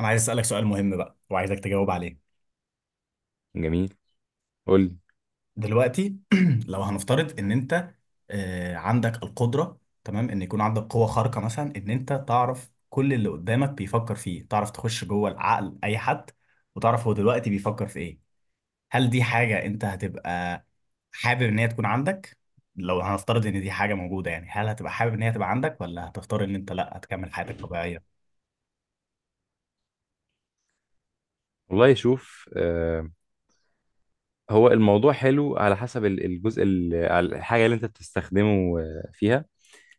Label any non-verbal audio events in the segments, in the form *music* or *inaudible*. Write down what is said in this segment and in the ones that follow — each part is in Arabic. انا عايز اسالك سؤال مهم بقى وعايزك تجاوب عليه جميل. قول لي. دلوقتي. *clears throat* لو هنفترض ان انت عندك القدره، تمام، ان يكون عندك قوه خارقه، مثلا ان انت تعرف كل اللي قدامك بيفكر فيه، تعرف تخش جوه العقل اي حد وتعرف هو دلوقتي بيفكر في ايه. هل دي حاجه انت هتبقى حابب ان هي تكون عندك؟ لو هنفترض ان دي حاجه موجوده، يعني هل هتبقى حابب ان هي تبقى عندك ولا هتختار ان انت لا هتكمل حياتك طبيعيه؟ والله شوف، هو الموضوع حلو على حسب الجزء على الحاجة اللي انت بتستخدمه فيها.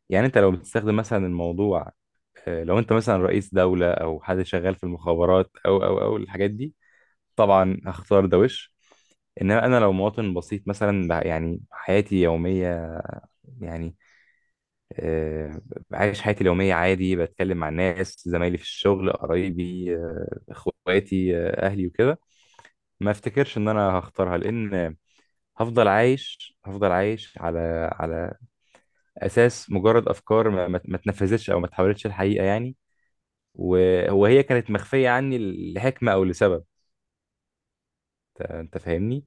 يعني انت لو بتستخدم مثلا الموضوع، لو انت مثلا رئيس دولة او حد شغال في المخابرات او الحاجات دي، طبعا هختار ده وش. انما انا لو مواطن بسيط مثلا، يعني حياتي يومية، يعني آه، عايش حياتي اليومية عادي، بتكلم مع الناس، زمايلي في الشغل، قرايبي، اخواتي، اهلي وكده. ما افتكرش ان انا هختارها، لان هفضل عايش على اساس مجرد افكار ما اتنفذتش او ما اتحولتش الحقيقه يعني، وهو هي كانت مخفيه عني لحكمه او لسبب. أنت فاهمني.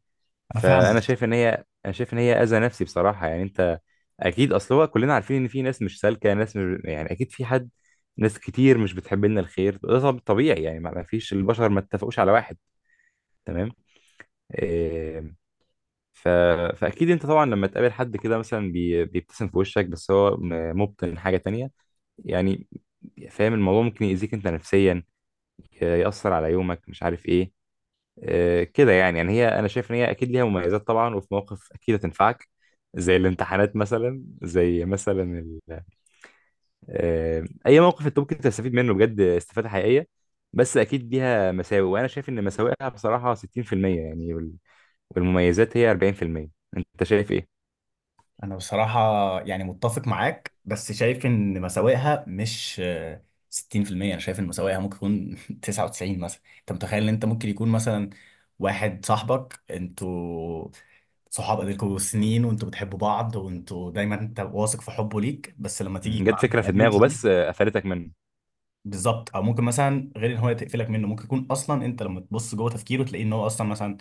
انا فاهم. فانا شايف ان هي اذى نفسي بصراحه يعني. انت اكيد، اصل هو كلنا عارفين ان في ناس مش سالكه، ناس مش، يعني اكيد في حد، ناس كتير مش بتحب لنا الخير. ده طبيعي يعني، ما فيش البشر ما اتفقوش على واحد. تمام. آه، ف... فاكيد انت طبعا لما تقابل حد كده مثلا بيبتسم في وشك بس هو مبطن حاجه تانية، يعني فاهم. الموضوع ممكن يأذيك انت نفسيا، يأثر على يومك، مش عارف ايه كده يعني هي، انا شايف ان هي اكيد ليها مميزات طبعا، وفي مواقف اكيد هتنفعك، زي الامتحانات مثلا، زي مثلا ال... آه، اي موقف انت ممكن تستفيد منه بجد استفاده حقيقيه. بس اكيد ليها مساوئ، وانا شايف ان مساوئها بصراحه 60% يعني، والمميزات هي 40%. انت شايف ايه؟ انا بصراحة يعني متفق معاك، بس شايف ان مساوئها مش 60%، انا شايف ان مساوئها ممكن يكون 99 *laughs* مثلا. انت متخيل ان انت ممكن يكون مثلا واحد صاحبك، انتوا صحاب بقالكوا سنين وانتوا بتحبوا بعض، وانتوا دايما انت واثق في حبه ليك، بس لما تيجي مم. يكون جت فكره عندك في دماغه الابيليتي دي؟ بس قفلتك منه. بالظبط، او ممكن مثلا غير ان هو تقفلك منه، ممكن يكون اصلا انت لما تبص جوه تفكيره تلاقيه ان هو اصلا مثلا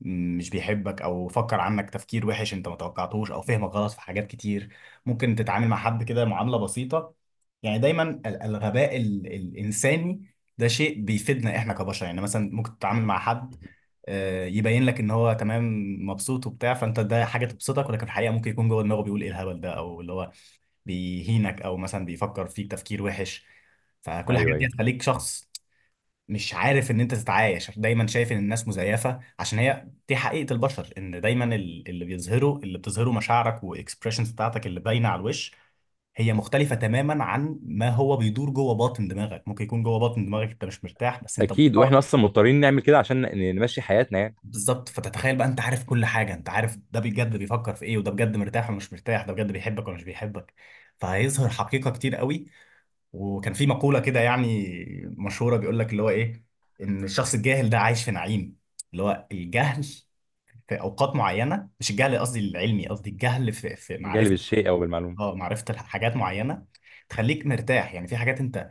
مش بيحبك، او فكر عنك تفكير وحش انت ما توقعتهوش، او فهمك غلط في حاجات كتير. ممكن تتعامل مع حد كده معاملة بسيطة، يعني دايما الغباء الانساني ده شيء بيفيدنا احنا كبشر. يعني مثلا ممكن تتعامل مع حد يبين لك ان هو تمام، مبسوط وبتاع، فانت ده حاجه تبسطك، ولكن في الحقيقه ممكن يكون جوه دماغه بيقول ايه الهبل ده، او اللي هو بيهينك، او مثلا بيفكر فيك تفكير وحش. فكل الحاجات ايوه دي ايوه، هتخليك شخص مش عارف ان انت تتعايش، دايما شايف ان الناس مزيفه، عشان هي دي حقيقه البشر، ان دايما اللي بيظهره، اللي بتظهره مشاعرك واكسبريشنز بتاعتك اللي باينه على الوش، هي مختلفه تماما عن ما هو بيدور جوه باطن دماغك. ممكن يكون جوه باطن دماغك انت مش مرتاح بس انت اكيد. واحنا مضطر. اصلا مضطرين نعمل كده عشان نمشي حياتنا يعني. بالظبط، فتتخيل بقى انت عارف كل حاجه، انت عارف ده بجد بيفكر في ايه، وده بجد مرتاح ولا مش مرتاح، ده بجد بيحبك ولا مش بيحبك، فهيظهر حقيقه كتير قوي. وكان في مقولة كده يعني مشهورة بيقول لك اللي هو ايه، ان الشخص الجاهل ده عايش في نعيم. اللي هو الجهل في اوقات معينة، مش الجهل قصدي العلمي، قصدي الجهل في في نجلب معرفة، الشيء او بالمعلومه. اه، معرفة حاجات معينة تخليك مرتاح. يعني في حاجات انت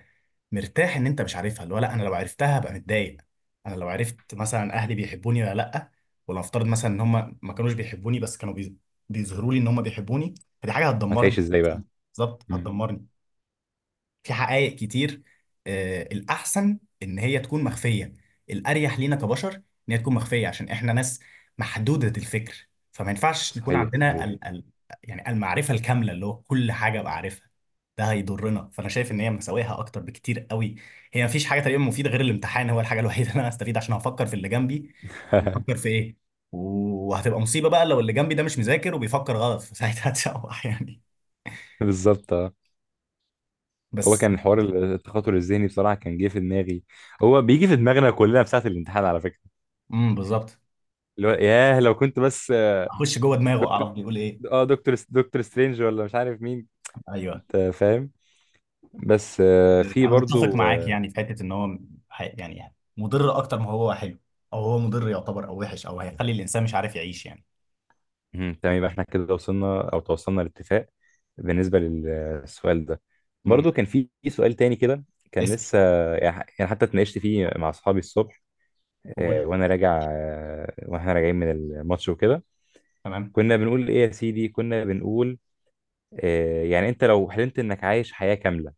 مرتاح ان انت مش عارفها، اللي هو لا انا لو عرفتها هبقى متضايق. انا لو عرفت مثلا اهلي بيحبوني ولا لا، ولو افترض مثلا ان هم ما كانوش بيحبوني بس كانوا بيظهروا لي ان هم بيحبوني، فدي حاجة هتدمرني. هتعيش ازاي بقى؟ بالظبط مم. هتدمرني. في حقائق كتير، الأحسن إن هي تكون مخفية. الأريح لينا كبشر إن هي تكون مخفية، عشان إحنا ناس محدودة الفكر، فما ينفعش نكون صحيح عندنا صحيح. ال يعني المعرفة الكاملة، اللي هو كل حاجة بعرفها، ده هيضرنا. فأنا شايف إن هي مساويها أكتر بكتير قوي. هي مفيش حاجة تقريبا مفيدة غير الامتحان، هو الحاجة *laughs* الوحيدة اللي أنا هستفيد، عشان هفكر في اللي جنبي بيفكر *laughs* في إيه. وهتبقى مصيبة بقى لو اللي جنبي ده مش مذاكر وبيفكر غلط، فساعتها *laughs* هتشوح يعني. بالظبط اه. هو بس كان حوار التخاطر الذهني بصراحه، كان جه في دماغي. هو بيجي في دماغنا كلنا في ساعه الامتحان على فكره، بالظبط، اللي هو ياه لو كنت بس اخش جوه دماغه دكتور. اعرف بيقول ايه. دكتور سترينج ولا مش عارف مين. ايوه، انت فاهم. بس في انا متفق برضو معاك آه، يعني في حته ان هو يعني مضر اكتر ما هو حلو، او هو مضر يعتبر او وحش، او هيخلي الانسان مش عارف يعيش يعني. مهم. تمام، يبقى احنا كده وصلنا او توصلنا لاتفاق بالنسبه للسؤال ده. امم برضو كان في سؤال تاني كده كان اسال. لسه، يعني حتى اتناقشت فيه مع اصحابي الصبح قول. آه، وانا راجع آه، واحنا راجعين من الماتش وكده. تمام. كنا بنقول ايه يا سيدي، كنا بنقول يعني انت لو حلمت انك عايش حياه كامله،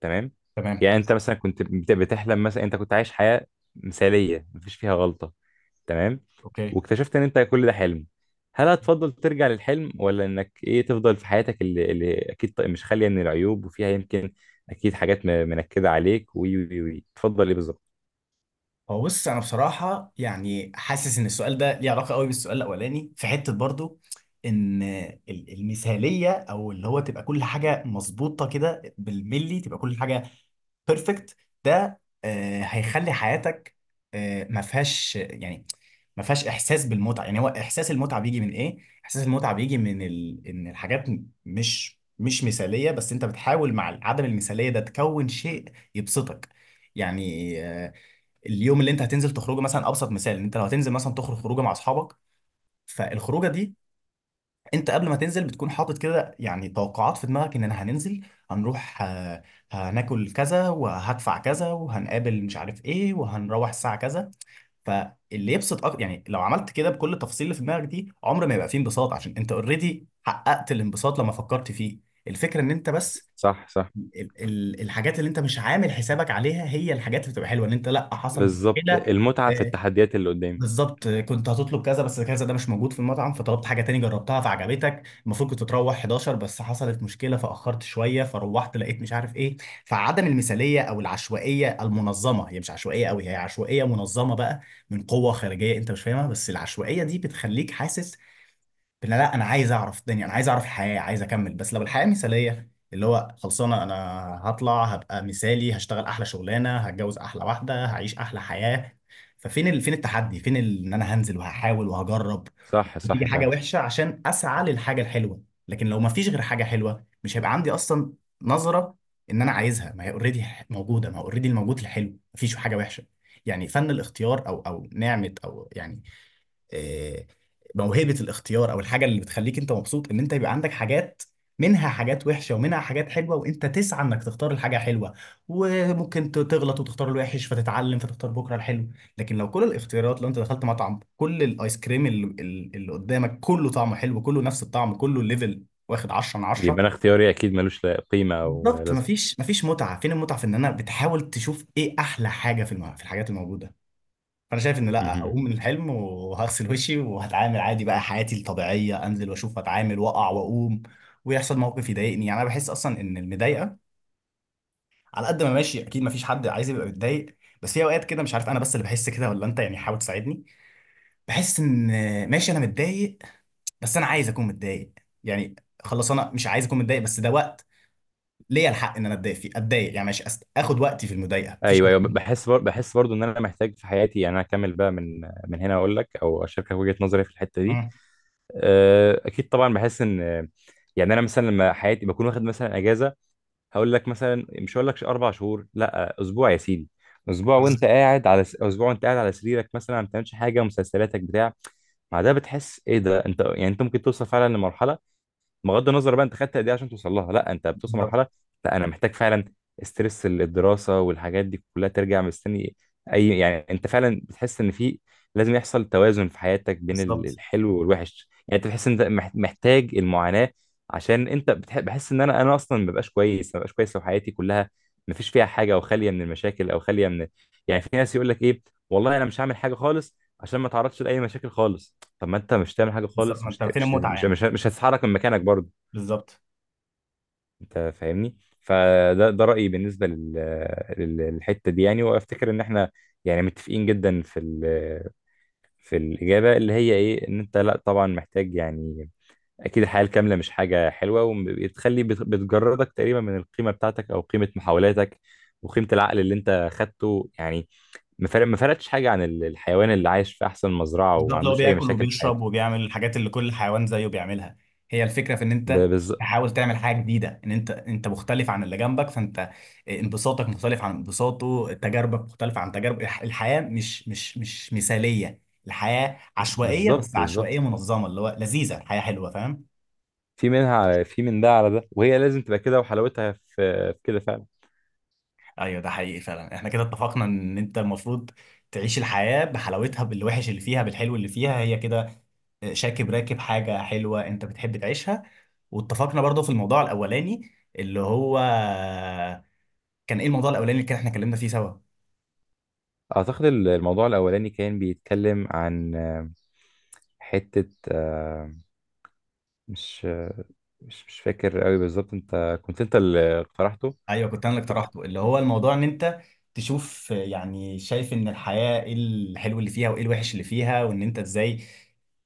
تمام؟ تمام. يعني انت مثلا كنت بتحلم، مثلا انت كنت عايش حياة مثالية مفيش فيها غلطة، تمام؟ اوكي. واكتشفت ان انت كل ده حلم. هل هتفضل ترجع للحلم، ولا انك ايه، تفضل في حياتك اللي اكيد مش خالية من العيوب وفيها يمكن اكيد حاجات منكدة عليك، وي وي وي، تفضل ايه بالظبط؟ هو بص، انا بصراحه يعني حاسس ان السؤال ده ليه علاقه قوي بالسؤال الاولاني في حته، برضو ان المثاليه، او اللي هو تبقى كل حاجه مظبوطه كده بالملي، تبقى كل حاجه بيرفكت، ده هيخلي حياتك ما فيهاش، يعني ما فيهاش احساس بالمتعه. يعني هو احساس المتعه بيجي من ايه؟ احساس المتعه بيجي من ان الحاجات مش مش مثاليه، بس انت بتحاول مع عدم المثاليه ده تكون شيء يبسطك. يعني اليوم اللي انت هتنزل تخرجه مثلا، ابسط مثال ان انت لو هتنزل مثلا تخرج خروجه مع اصحابك، فالخروجه دي انت قبل ما تنزل بتكون حاطط كده يعني توقعات في دماغك، ان انا هننزل، هنروح، هناكل كذا وهدفع كذا وهنقابل مش عارف ايه وهنروح الساعة كذا. فاللي يبسط أكتر، يعني لو عملت كده بكل التفاصيل اللي في دماغك دي، عمر ما يبقى فيه انبساط، عشان انت اوريدي حققت الانبساط لما فكرت فيه. الفكرة ان انت بس صح صح. ال الحاجات اللي انت مش عامل حسابك عليها هي الحاجات اللي بتبقى حلوة، ان انت لا حصل بالظبط، مشكلة. المتعة في آه، التحديات اللي قدامي. بالظبط، كنت هتطلب كذا بس كذا ده مش موجود في المطعم فطلبت حاجة تاني جربتها فعجبتك. المفروض كنت تروح 11 بس حصلت مشكلة فأخرت شوية فروحت لقيت مش عارف إيه. فعدم المثالية أو العشوائية المنظمة، هي مش عشوائية قوي، هي عشوائية منظمة بقى من قوة خارجية أنت مش فاهمها، بس العشوائية دي بتخليك حاسس لا لا انا عايز اعرف الدنيا، انا عايز اعرف الحياه، عايز اكمل. بس لو الحياه مثاليه، اللي هو خلصانه، انا هطلع هبقى مثالي، هشتغل احلى شغلانه، هتجوز احلى واحده، هعيش احلى حياه. ففين فين التحدي؟ فين ان انا هنزل وهحاول وهجرب صح وتيجي صح، حاجه فاهم. وحشه عشان اسعى للحاجه الحلوه. لكن لو ما فيش غير حاجه حلوه، مش هيبقى عندي اصلا نظره ان انا عايزها، ما هي اوريدي موجوده، ما هو اوريدي الموجود الحلو، ما فيش حاجه وحشه. يعني فن الاختيار، او او نعمه، او يعني آه، موهبة الاختيار، او الحاجة اللي بتخليك انت مبسوط، ان انت يبقى عندك حاجات، منها حاجات وحشة ومنها حاجات حلوة، وانت تسعى انك تختار الحاجة حلوة. وممكن تغلط وتختار الوحش، فتتعلم، فتختار بكرة الحلو. لكن لو كل الاختيارات، لو انت دخلت مطعم كل الايس كريم اللي قدامك كله طعمه حلو، كله نفس الطعم، كله الليفل، واخد 10 من 10، يبقى انا اختياري اكيد ملوش لا قيمة او بالظبط لازمة. مفيش، مفيش متعة. فين المتعة في ان انا بتحاول تشوف ايه احلى حاجة في الحاجات الموجودة؟ فانا شايف ان لا، مهم. هقوم من الحلم وهغسل وشي وهتعامل عادي بقى حياتي الطبيعيه، انزل واشوف واتعامل واقع واقوم ويحصل موقف يضايقني. يعني انا بحس اصلا ان المضايقه، على قد ما ماشي اكيد ما فيش حد عايز يبقى متضايق، بس في اوقات كده، مش عارف انا بس اللي بحس كده ولا انت، يعني حاول تساعدني، بحس ان ماشي انا متضايق، بس انا عايز اكون متضايق. يعني خلاص، انا مش عايز اكون متضايق، بس ده وقت ليا الحق ان انا اتضايق فيه، اتضايق. يعني ماشي، اخد وقتي في المضايقه، مفيش ايوه ايوه. مشكلة. بحس برضو ان انا محتاج في حياتي، يعني انا اكمل بقى من هنا اقول لك او اشاركك وجهه نظري في الحته دي. مم. اكيد طبعا بحس ان، يعني انا مثلا لما حياتي بكون واخد مثلا اجازه، هقول لك مثلا، مش هقول لك اربع شهور، لا، اسبوع يا سيدي. تمام. اسبوع وانت قاعد على سريرك مثلا، ما بتعملش حاجه، مسلسلاتك بتاع، مع ده بتحس ايه ده. انت يعني انت ممكن توصل فعلا لمرحله، بغض النظر بقى انت خدت قد ايه عشان توصل لها، لا انت بتوصل بالظبط. مرحله، لا انا محتاج فعلا استرس الدراسه والحاجات دي كلها ترجع مستني. اي يعني انت فعلا بتحس ان في، لازم يحصل توازن في حياتك بين بالظبط. الحلو والوحش. يعني انت بتحس ان انت محتاج المعاناه، عشان انت بحس ان انا اصلا ما ببقاش كويس، ما ببقاش كويس لو حياتي كلها ما فيش فيها حاجه، او خاليه من المشاكل او خاليه من، يعني في ناس يقول لك ايه، والله انا مش هعمل حاجه خالص عشان ما اتعرضش لاي مشاكل خالص. طب ما انت مش تعمل حاجه بالظبط، خالص، ما مش انت ت- فين مش المتعه مش يعني؟ مش, مش هتتحرك من مكانك برضه. بالظبط. انت فاهمني. فده رايي بالنسبه للحته دي يعني. وافتكر ان احنا يعني متفقين جدا في الاجابه اللي هي ايه، ان انت لا طبعا محتاج يعني اكيد الحياه الكامله مش حاجه حلوه، وبتخلي بتجردك تقريبا من القيمه بتاعتك او قيمه محاولاتك وقيمه العقل اللي انت خدته يعني. ما فرقتش حاجه عن الحيوان اللي عايش في احسن مزرعه وما بالظبط، لو عندوش اي بياكل مشاكل في وبيشرب حياته. وبيعمل الحاجات اللي كل حيوان زيه بيعملها. هي الفكره في ان انت ب- بالظ- تحاول تعمل حاجه جديده، ان انت انت مختلف عن اللي جنبك، فانت انبساطك مختلف عن انبساطه، تجاربك مختلفه عن تجارب الحياه مش مثاليه. الحياه عشوائيه بالظبط بس عشوائيه بالظبط. منظمه، اللي هو لذيذه، الحياه حلوه، فاهم. في منها على، في من ده على ده، وهي لازم تبقى كده، وحلاوتها في، في كده فعلا. ايوه، ده حقيقي فعلا، احنا كده اتفقنا ان انت المفروض تعيش الحياه بحلاوتها، بالوحش اللي فيها، بالحلو اللي فيها، هي كده شاكب راكب حاجة حلوة انت بتحب تعيشها. واتفقنا برضو في الموضوع الاولاني، اللي هو كان ايه الموضوع الاولاني اللي كان احنا اتكلمنا فيه سوا؟ اعتقد الموضوع الاولاني كان بيتكلم عن حتة مش آه، مش فاكر قوي بالظبط، انت كنت انت اللي اقترحته. ايوه، كنت انا اللي اقترحته. اللي هو الموضوع ان انت تشوف، يعني شايف ان الحياة ايه الحلو اللي فيها وايه الوحش اللي فيها، وان انت ازاي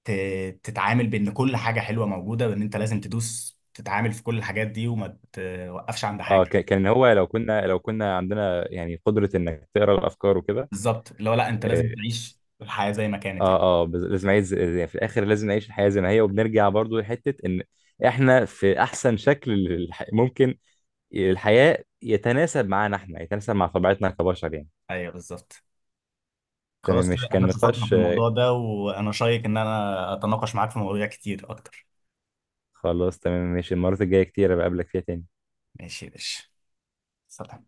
تتعامل بان كل حاجة حلوة موجودة، وان انت لازم تدوس تتعامل في كل الحاجات دي وما توقفش عند اه حاجة. كان هو لو كنا لو كنا عندنا يعني قدرة انك تقرا الافكار وكده. بالظبط، اللي هو لا، انت لازم آه، تعيش الحياة زي ما كانت اه يعني. اه لازم نعيش يعني في الاخر لازم نعيش الحياه زي ما هي. وبنرجع برضو لحته ان احنا في احسن شكل ممكن الحياه يتناسب معانا، احنا يتناسب مع طبيعتنا كبشر يعني. ايوه بالظبط. تمام، خلاص كده مش احنا كان اتفقنا في نقاش. الموضوع ده، وانا شايك ان انا اتناقش معاك في مواضيع كتير اكتر. خلاص تمام ماشي، المرات الجايه كتير بقابلك فيها تاني. ماشي يا باشا، سلام.